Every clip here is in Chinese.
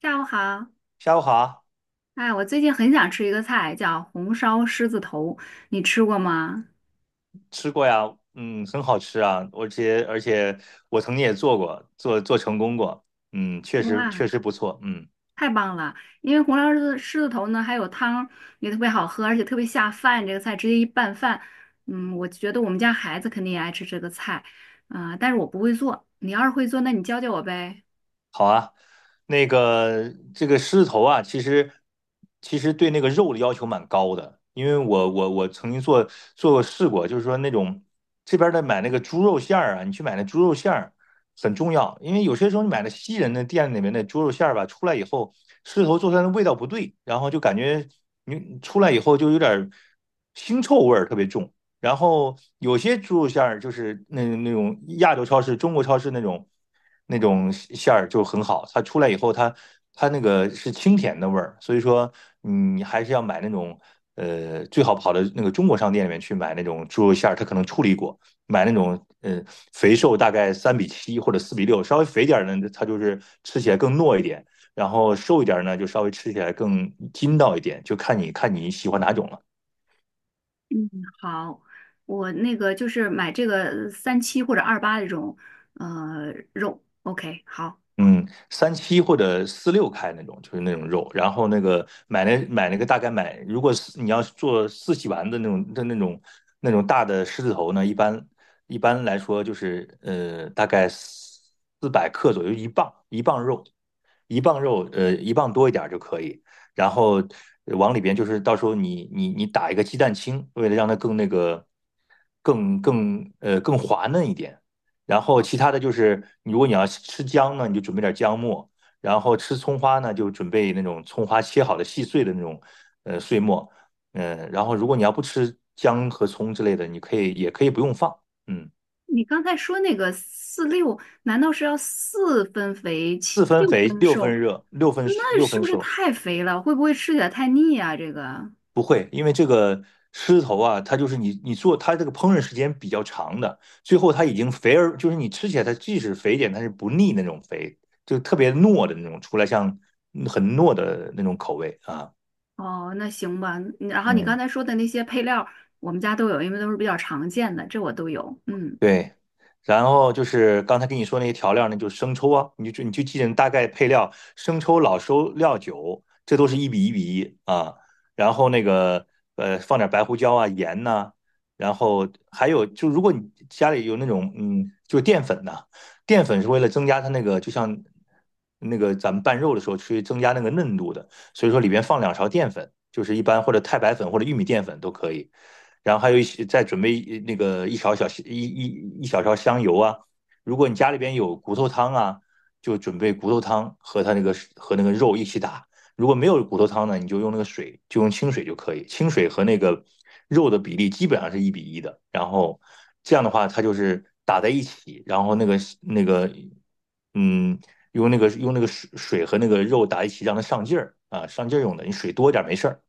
下午好，下午好，哎，我最近很想吃一个菜，叫红烧狮子头，你吃过吗？吃过呀，嗯，很好吃啊，而且我曾经也做过，做成功过，嗯，确实确哇，实不错，嗯。太棒了！因为红烧狮子头呢，还有汤也特别好喝，而且特别下饭。这个菜直接一拌饭，嗯，我觉得我们家孩子肯定也爱吃这个菜，啊、但是我不会做，你要是会做，那你教教我呗。那个这个狮子头啊，其实对那个肉的要求蛮高的，因为我曾经做过试过，就是说那种这边的买那个猪肉馅儿啊，你去买那猪肉馅儿很重要，因为有些时候你买的西人的店里面的猪肉馅儿吧，出来以后狮子头做出来的味道不对，然后就感觉你出来以后就有点腥臭味儿特别重，然后有些猪肉馅儿就是那种亚洲超市、中国超市那种馅儿就很好，它出来以后它那个是清甜的味儿，所以说你还是要买那种最好跑到那个中国商店里面去买那种猪肉馅儿，它可能处理过，买那种肥瘦大概三比七或者四比六，稍微肥点儿呢它就是吃起来更糯一点，然后瘦一点儿呢就稍微吃起来更筋道一点，就看你喜欢哪种了。嗯，好，我那个就是买这个三七或者二八这种，肉，OK，好。嗯，三七或者四六开那种，就是那种肉。然后那个买那个大概买，如果是你要是做四喜丸的那种大的狮子头呢，一般来说就是大概400克左右，一磅肉，一磅肉一磅多一点儿就可以。然后往里边就是到时候你打一个鸡蛋清，为了让它更那个更更呃更滑嫩一点。然后其他的就是，如果你要吃姜呢，你就准备点姜末；然后吃葱花呢，就准备那种葱花切好的细碎的那种碎末。嗯，然后如果你要不吃姜和葱之类的，你可以也可以不用放。嗯，你刚才说那个四六，难道是要四分肥七四分六肥，分六瘦？分热，六分那六是分不是熟。太肥了？会不会吃起来太腻啊？这个不会，因为这个狮头啊，它就是你做它这个烹饪时间比较长的，最后它已经肥而就是你吃起来它即使肥一点，它是不腻那种肥，就特别糯的那种，出来像很糯的那种口味啊。哦，那行吧。然后你刚嗯。才说的那些配料，我们家都有，因为都是比较常见的，这我都有。嗯。对，然后就是刚才跟你说那些调料呢，就是生抽啊，你就记着大概配料，生抽、老抽、料酒，这都是一比一比一啊。然后那个放点白胡椒啊、盐呐、然后还有就如果你家里有那种就是淀粉呐、淀粉是为了增加它那个，就像那个咱们拌肉的时候去增加那个嫩度的。所以说里边放2勺淀粉，就是一般或者太白粉或者玉米淀粉都可以。然后还有一些再准备那个一勺小一一一小勺香油啊。如果你家里边有骨头汤啊，就准备骨头汤和它那个和那个肉一起打。如果没有骨头汤呢，你就用那个水，就用清水就可以。清水和那个肉的比例基本上是一比一的。然后这样的话，它就是打在一起，然后那个嗯，用那个水和那个肉打一起，让它上劲儿啊，上劲儿用的。你水多一点没事儿，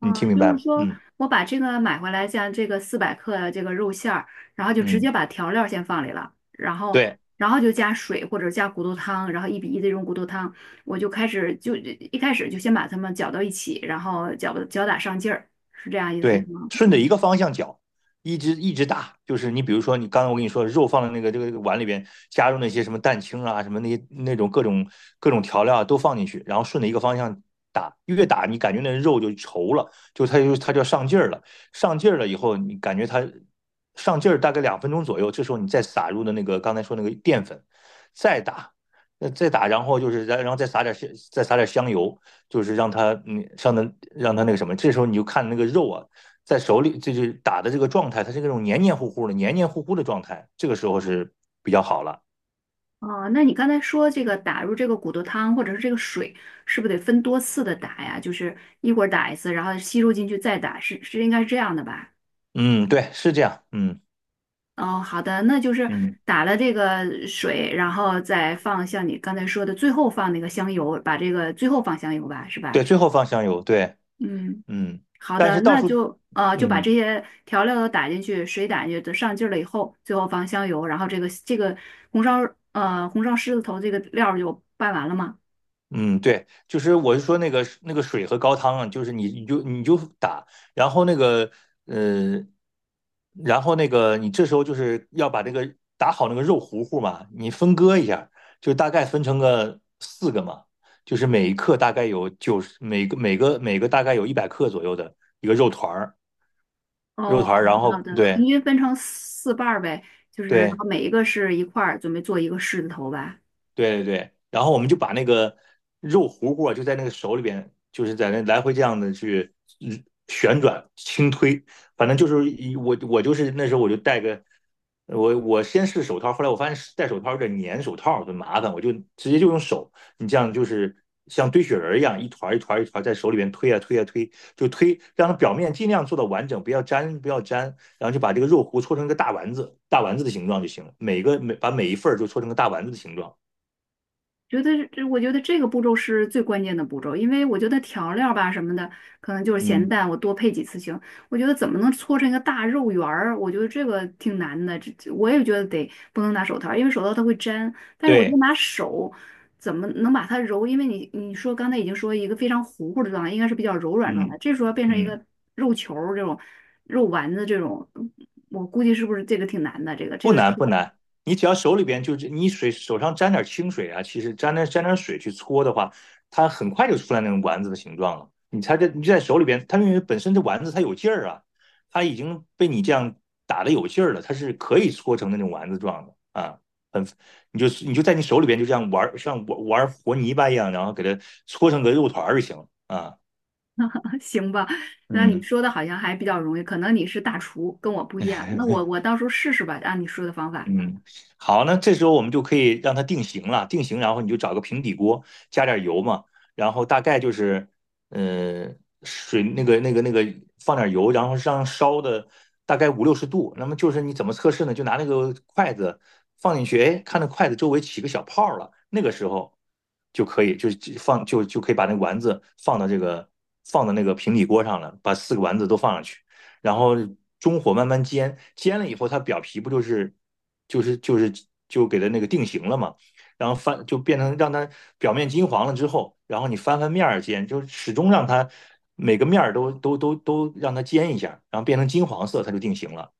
你听明就白是吗？说嗯我把这个买回来，像这个四百克的这个肉馅儿，然后就直嗯，接把调料先放里了，然后对，然后就加水或者加骨头汤，然后一比一的这种骨头汤，我就开始就一开始就先把它们搅到一起，然后搅搅打上劲儿，是这样意思对，吗？顺着一嗯，个方向搅，一直一直打，就是你比如说，你刚才我跟你说肉放在那个这个碗里边，加入那些什么蛋清啊，什么那些那种各种调料啊，都放进去，然后顺着一个方向打，越打你感觉那肉就稠了，就它就要上劲儿了，上劲儿了以后，你感觉它上劲儿大概2分钟左右，这时候你再撒入的那个刚才说那个淀粉，再打。那再打，然后就是然后再撒点香油，就是让它上的让它那个什么，这时候你就看那个肉啊，在手里就是打的这个状态，它是那种黏黏糊糊的、黏黏糊糊的状态，这个时候是比较好了。哦，那你刚才说这个打入这个骨头汤或者是这个水，是不是得分多次的打呀？就是一会儿打一次，然后吸收进去再打，是是应该是这样的吧？嗯，对，是这样。嗯哦，好的，那就是嗯，打了这个水，然后再放像你刚才说的，最后放那个香油，把这个最后放香油吧，是吧？对，最后放香油，对，嗯，嗯，好但的，是倒那数，就就把嗯。这些调料都打进去，水打进去，等上劲儿了以后，最后放香油，然后这个红烧红烧狮子头这个料儿就拌完了吗？嗯，对，就是我是说那个水和高汤啊，就是你就打，然后那个呃，然后那个你这时候就是要把这个打好那个肉糊糊嘛，你分割一下，就大概分成个四个嘛，就是每一克大概有九十，每个大概有100克左右的一个肉团儿，肉哦，团儿，然好后的，对平均分成四瓣儿呗，就是然对，后每一个是一块儿，准备做一个狮子头吧。对对对，然后我们就把那个肉糊糊啊，就在那个手里边，就是在那来回这样的去旋转轻推，反正就是我就是那时候我就我先试手套，后来我发现戴手套有点粘手套，很麻烦，我就直接就用手，你这样就是像堆雪人儿一样，一团儿一团儿一团儿在手里边推啊推啊推，就推让它表面尽量做到完整，不要粘不要粘，然后就把这个肉糊搓成一个大丸子，大丸子的形状就行了，每个每把每一份儿就搓成个大丸子的形状。觉得这，我觉得这个步骤是最关键的步骤，因为我觉得调料吧什么的，可能就是咸嗯，淡，我多配几次行。我觉得怎么能搓成一个大肉圆儿，我觉得这个挺难的。这我也觉得得不能拿手套儿，因为手套它会粘。但是我就对，拿手，怎么能把它揉？因为你说刚才已经说一个非常糊糊的状态，应该是比较柔软状态，嗯这时候要变成一嗯，个肉球儿这种肉丸子这种，我估计是不是这个挺难的？这个这不个。难不难，你只要手里边就是你水手上沾点清水啊，其实沾点水去搓的话，它很快就出来那种丸子的形状了。你它这你就在手里边，它因为本身这丸子它有劲儿啊，它已经被你这样打的有劲儿了，它是可以搓成那种丸子状的啊，很你就在你手里边就这样玩儿，像玩玩和泥巴一样，然后给它搓成个肉团儿就行了啊，行吧，那你嗯。说的好像还比较容易，可能你是大厨，跟我不一样。那我到时候试试吧，按你说的方法。嗯，好，那这时候我们就可以让它定型了，定型，然后你就找个平底锅，加点油嘛，然后大概就是，呃，水那个那个那个放点油，然后让烧的大概五六十度。那么就是你怎么测试呢？就拿那个筷子放进去，哎，看那筷子周围起个小泡儿了，那个时候就可以，就是就放就就可以把那丸子放到那个平底锅上了，把四个丸子都放上去。然后中火慢慢煎，煎了以后它表皮不就是就给它那个定型了嘛，然后翻就变成让它表面金黄了之后，然后你翻面儿煎，就始终让它每个面儿都让它煎一下，然后变成金黄色，它就定型了。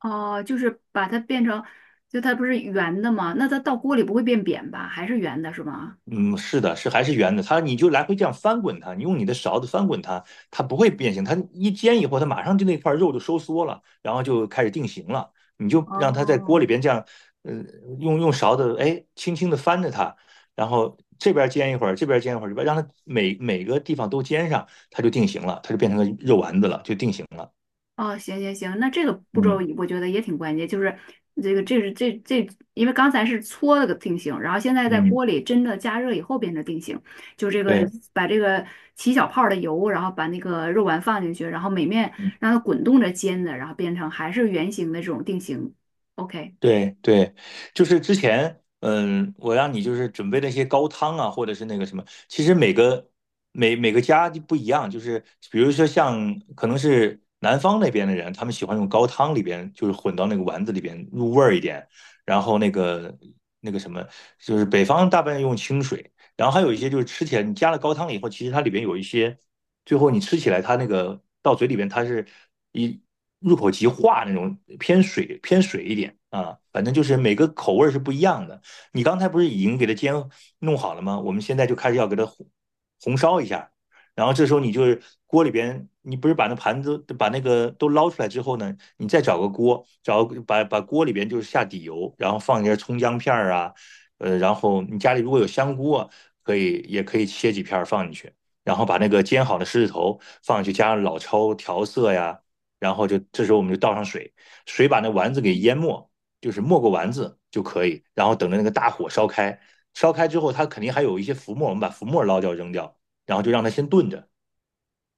哦、就是把它变成，就它不是圆的吗？那它到锅里不会变扁吧？还是圆的是吗？嗯，是的，是还是圆的，它你就来回这样翻滚它，你用你的勺子翻滚它，它不会变形，它一煎以后，它马上就那块肉就收缩了，然后就开始定型了。你就让它在锅里哦，边这样，呃，用勺子，哎，轻轻的翻着它，然后这边煎一会儿，这边煎一会儿，这边让它每个地方都煎上，它就定型了，它就变成个肉丸子了，就定型了。哦，行行行，那这个步骤嗯我觉得也挺关键，就是这，因为刚才是搓了个定型，然后现在在嗯，锅里真的加热以后变成定型，就这个对。把这个起小泡儿的油，然后把那个肉丸放进去，然后每面让它滚动着煎的，然后变成还是圆形的这种定型。OK。对对，就是之前，我让你就是准备那些高汤啊，或者是那个什么，其实每个每个家就不一样，就是比如说像可能是南方那边的人，他们喜欢用高汤里边，就是混到那个丸子里边入味儿一点，然后那个那个什么，就是北方大半用清水，然后还有一些就是吃起来你加了高汤以后，其实它里边有一些。最后你吃起来它那个到嘴里边它是一入口即化那种，偏水偏水一点啊，反正就是每个口味是不一样的。你刚才不是已经给它煎弄好了吗？我们现在就开始要给它红烧一下，然后这时候你就是锅里边，你不是把那盘子把那个都捞出来之后呢，你再找个锅，找把锅里边就是下底油，然后放一些葱姜片儿啊，然后你家里如果有香菇啊，可以也可以切几片放进去。然后把那个煎好的狮子头放进去，加上老抽调色呀，然后就这时候我们就倒上水，水把那丸子给淹没，就是没过丸子就可以，然后等着那个大火烧开，烧开之后它肯定还有一些浮沫，我们把浮沫捞掉扔掉，然后就让它先炖着，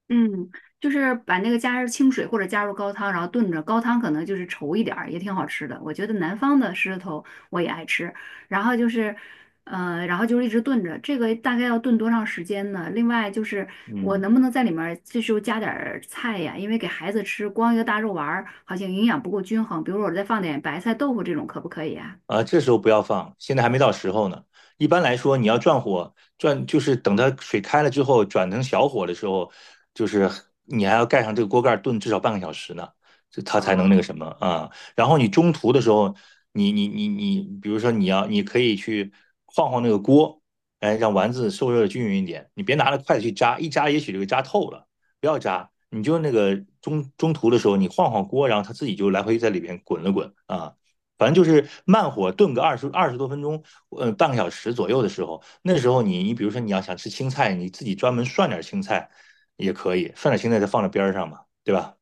嗯，就是把那个加入清水或者加入高汤，然后炖着，高汤可能就是稠一点儿，也挺好吃的。我觉得南方的狮子头我也爱吃，然后就是，然后就是一直炖着，这个大概要炖多长时间呢？另外就是我嗯，能不能在里面儿这时候加点儿菜呀？因为给孩子吃光一个大肉丸儿好像营养不够均衡，比如我再放点白菜、豆腐这种可不可以啊？啊，这时候不要放，现在还没到时候呢。一般来说，你要转火，转就是等它水开了之后，转成小火的时候，就是你还要盖上这个锅盖炖至少半个小时呢，这它才能那个哦，什么啊。然后你中途的时候，你你你你，比如说你要，你可以去晃晃那个锅，哎，让丸子受热的均匀一点。你别拿着筷子去扎，一扎也许就给扎透了，不要扎。你就那个中途的时候，你晃晃锅，然后它自己就来回在里边滚了滚啊。反正就是慢火炖个二十多分钟，半个小时左右的时候，那时候你比如说你要想吃青菜，你自己专门涮点青菜也可以，涮点青菜再放在边儿上嘛，对吧？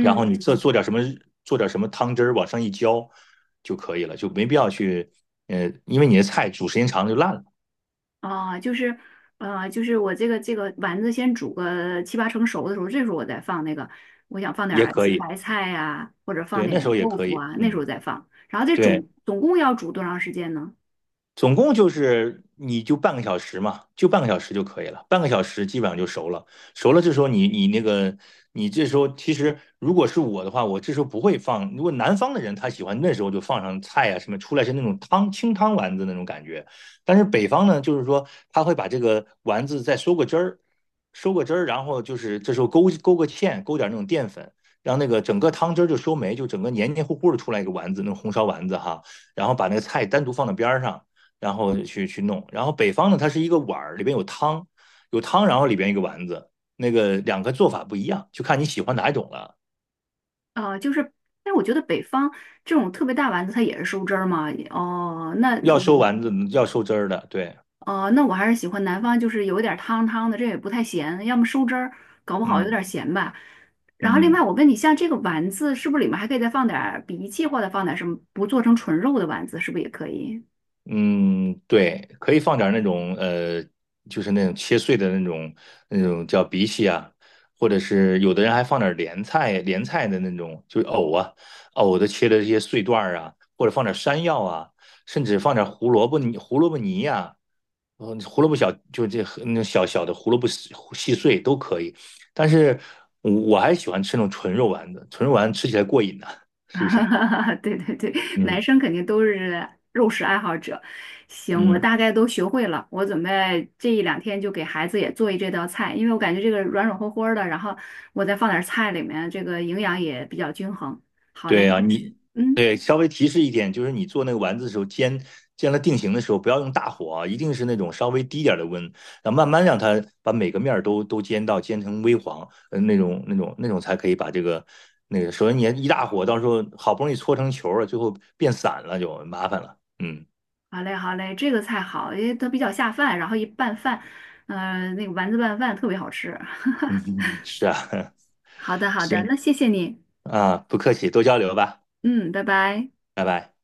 然后你做点什么汤汁儿往上一浇就可以了，就没必要去，因为你的菜煮时间长了就烂了，啊，就是，就是我这个这个丸子先煮个七八成熟的时候，这时候我再放那个，我想放点也儿可西以，白菜呀、或者放对，那时点候也豆可腐以，啊，那时嗯，候再放。然后这对。总共要煮多长时间呢？总共就是你就半个小时嘛，就半个小时就可以了，半个小时基本上就熟了。熟了，这时候你你那个你这时候其实如果是我的话，我这时候不会放。如果南方的人他喜欢那时候就放上菜啊什么，出来是那种汤清汤丸子那种感觉。但是北方呢，就是说他会把这个丸子再收个汁儿，收个汁儿，然后就是这时候勾个芡，勾点那种淀粉。让那个整个汤汁儿就收没，就整个黏黏糊糊的出来一个丸子，那种红烧丸子哈，然后把那个菜单独放到边儿上，然后去弄。然后北方呢，它是一个碗儿，里边有汤，有汤，然后里边一个丸子，那个两个做法不一样，就看你喜欢哪一种了。呃，就是，但我觉得北方这种特别大丸子它也是收汁儿嘛。哦，那要收我丸子，要收汁儿的，对，哦，那我还是喜欢南方，就是有点儿汤汤的，这也不太咸，要么收汁儿，搞不好有嗯点儿咸吧。然后另外，嗯我问你，像这个丸子，是不是里面还可以再放点儿荸荠，或者放点儿什么，不做成纯肉的丸子，是不是也可以？嗯，对，可以放点那种就是那种切碎的那种叫荸荠啊，或者是有的人还放点莲菜，莲菜的那种就是藕啊，藕的切的这些碎段儿啊，或者放点山药啊，甚至放点胡萝卜泥呀、然后胡萝卜小就这那小小的胡萝卜细细碎都可以，但是我还喜欢吃那种纯肉丸子，纯肉丸吃起来过瘾呢、是不是？对对对，男嗯生肯定都是肉食爱好者。行，我嗯，大概都学会了，我准备这一两天就给孩子也做一这道菜，因为我感觉这个软软和和儿的，然后我再放点儿菜里面，这个营养也比较均衡。好嘞，对啊，你嗯。对稍微提示一点，就是你做那个丸子的时候，煎了定型的时候，不要用大火啊，一定是那种稍微低点儿的温，然后慢慢让它把每个面儿都煎到煎成微黄，那种才可以把这个那个，首先你一大火，到时候好不容易搓成球了，最后变散了就麻烦了，嗯。好嘞，好嘞，这个菜好，因为它比较下饭，然后一拌饭，嗯，那个丸子拌饭特别好吃。嗯嗯，是啊，好的，好的，行那谢谢你，啊，不客气，多交流吧，嗯，拜拜。拜拜。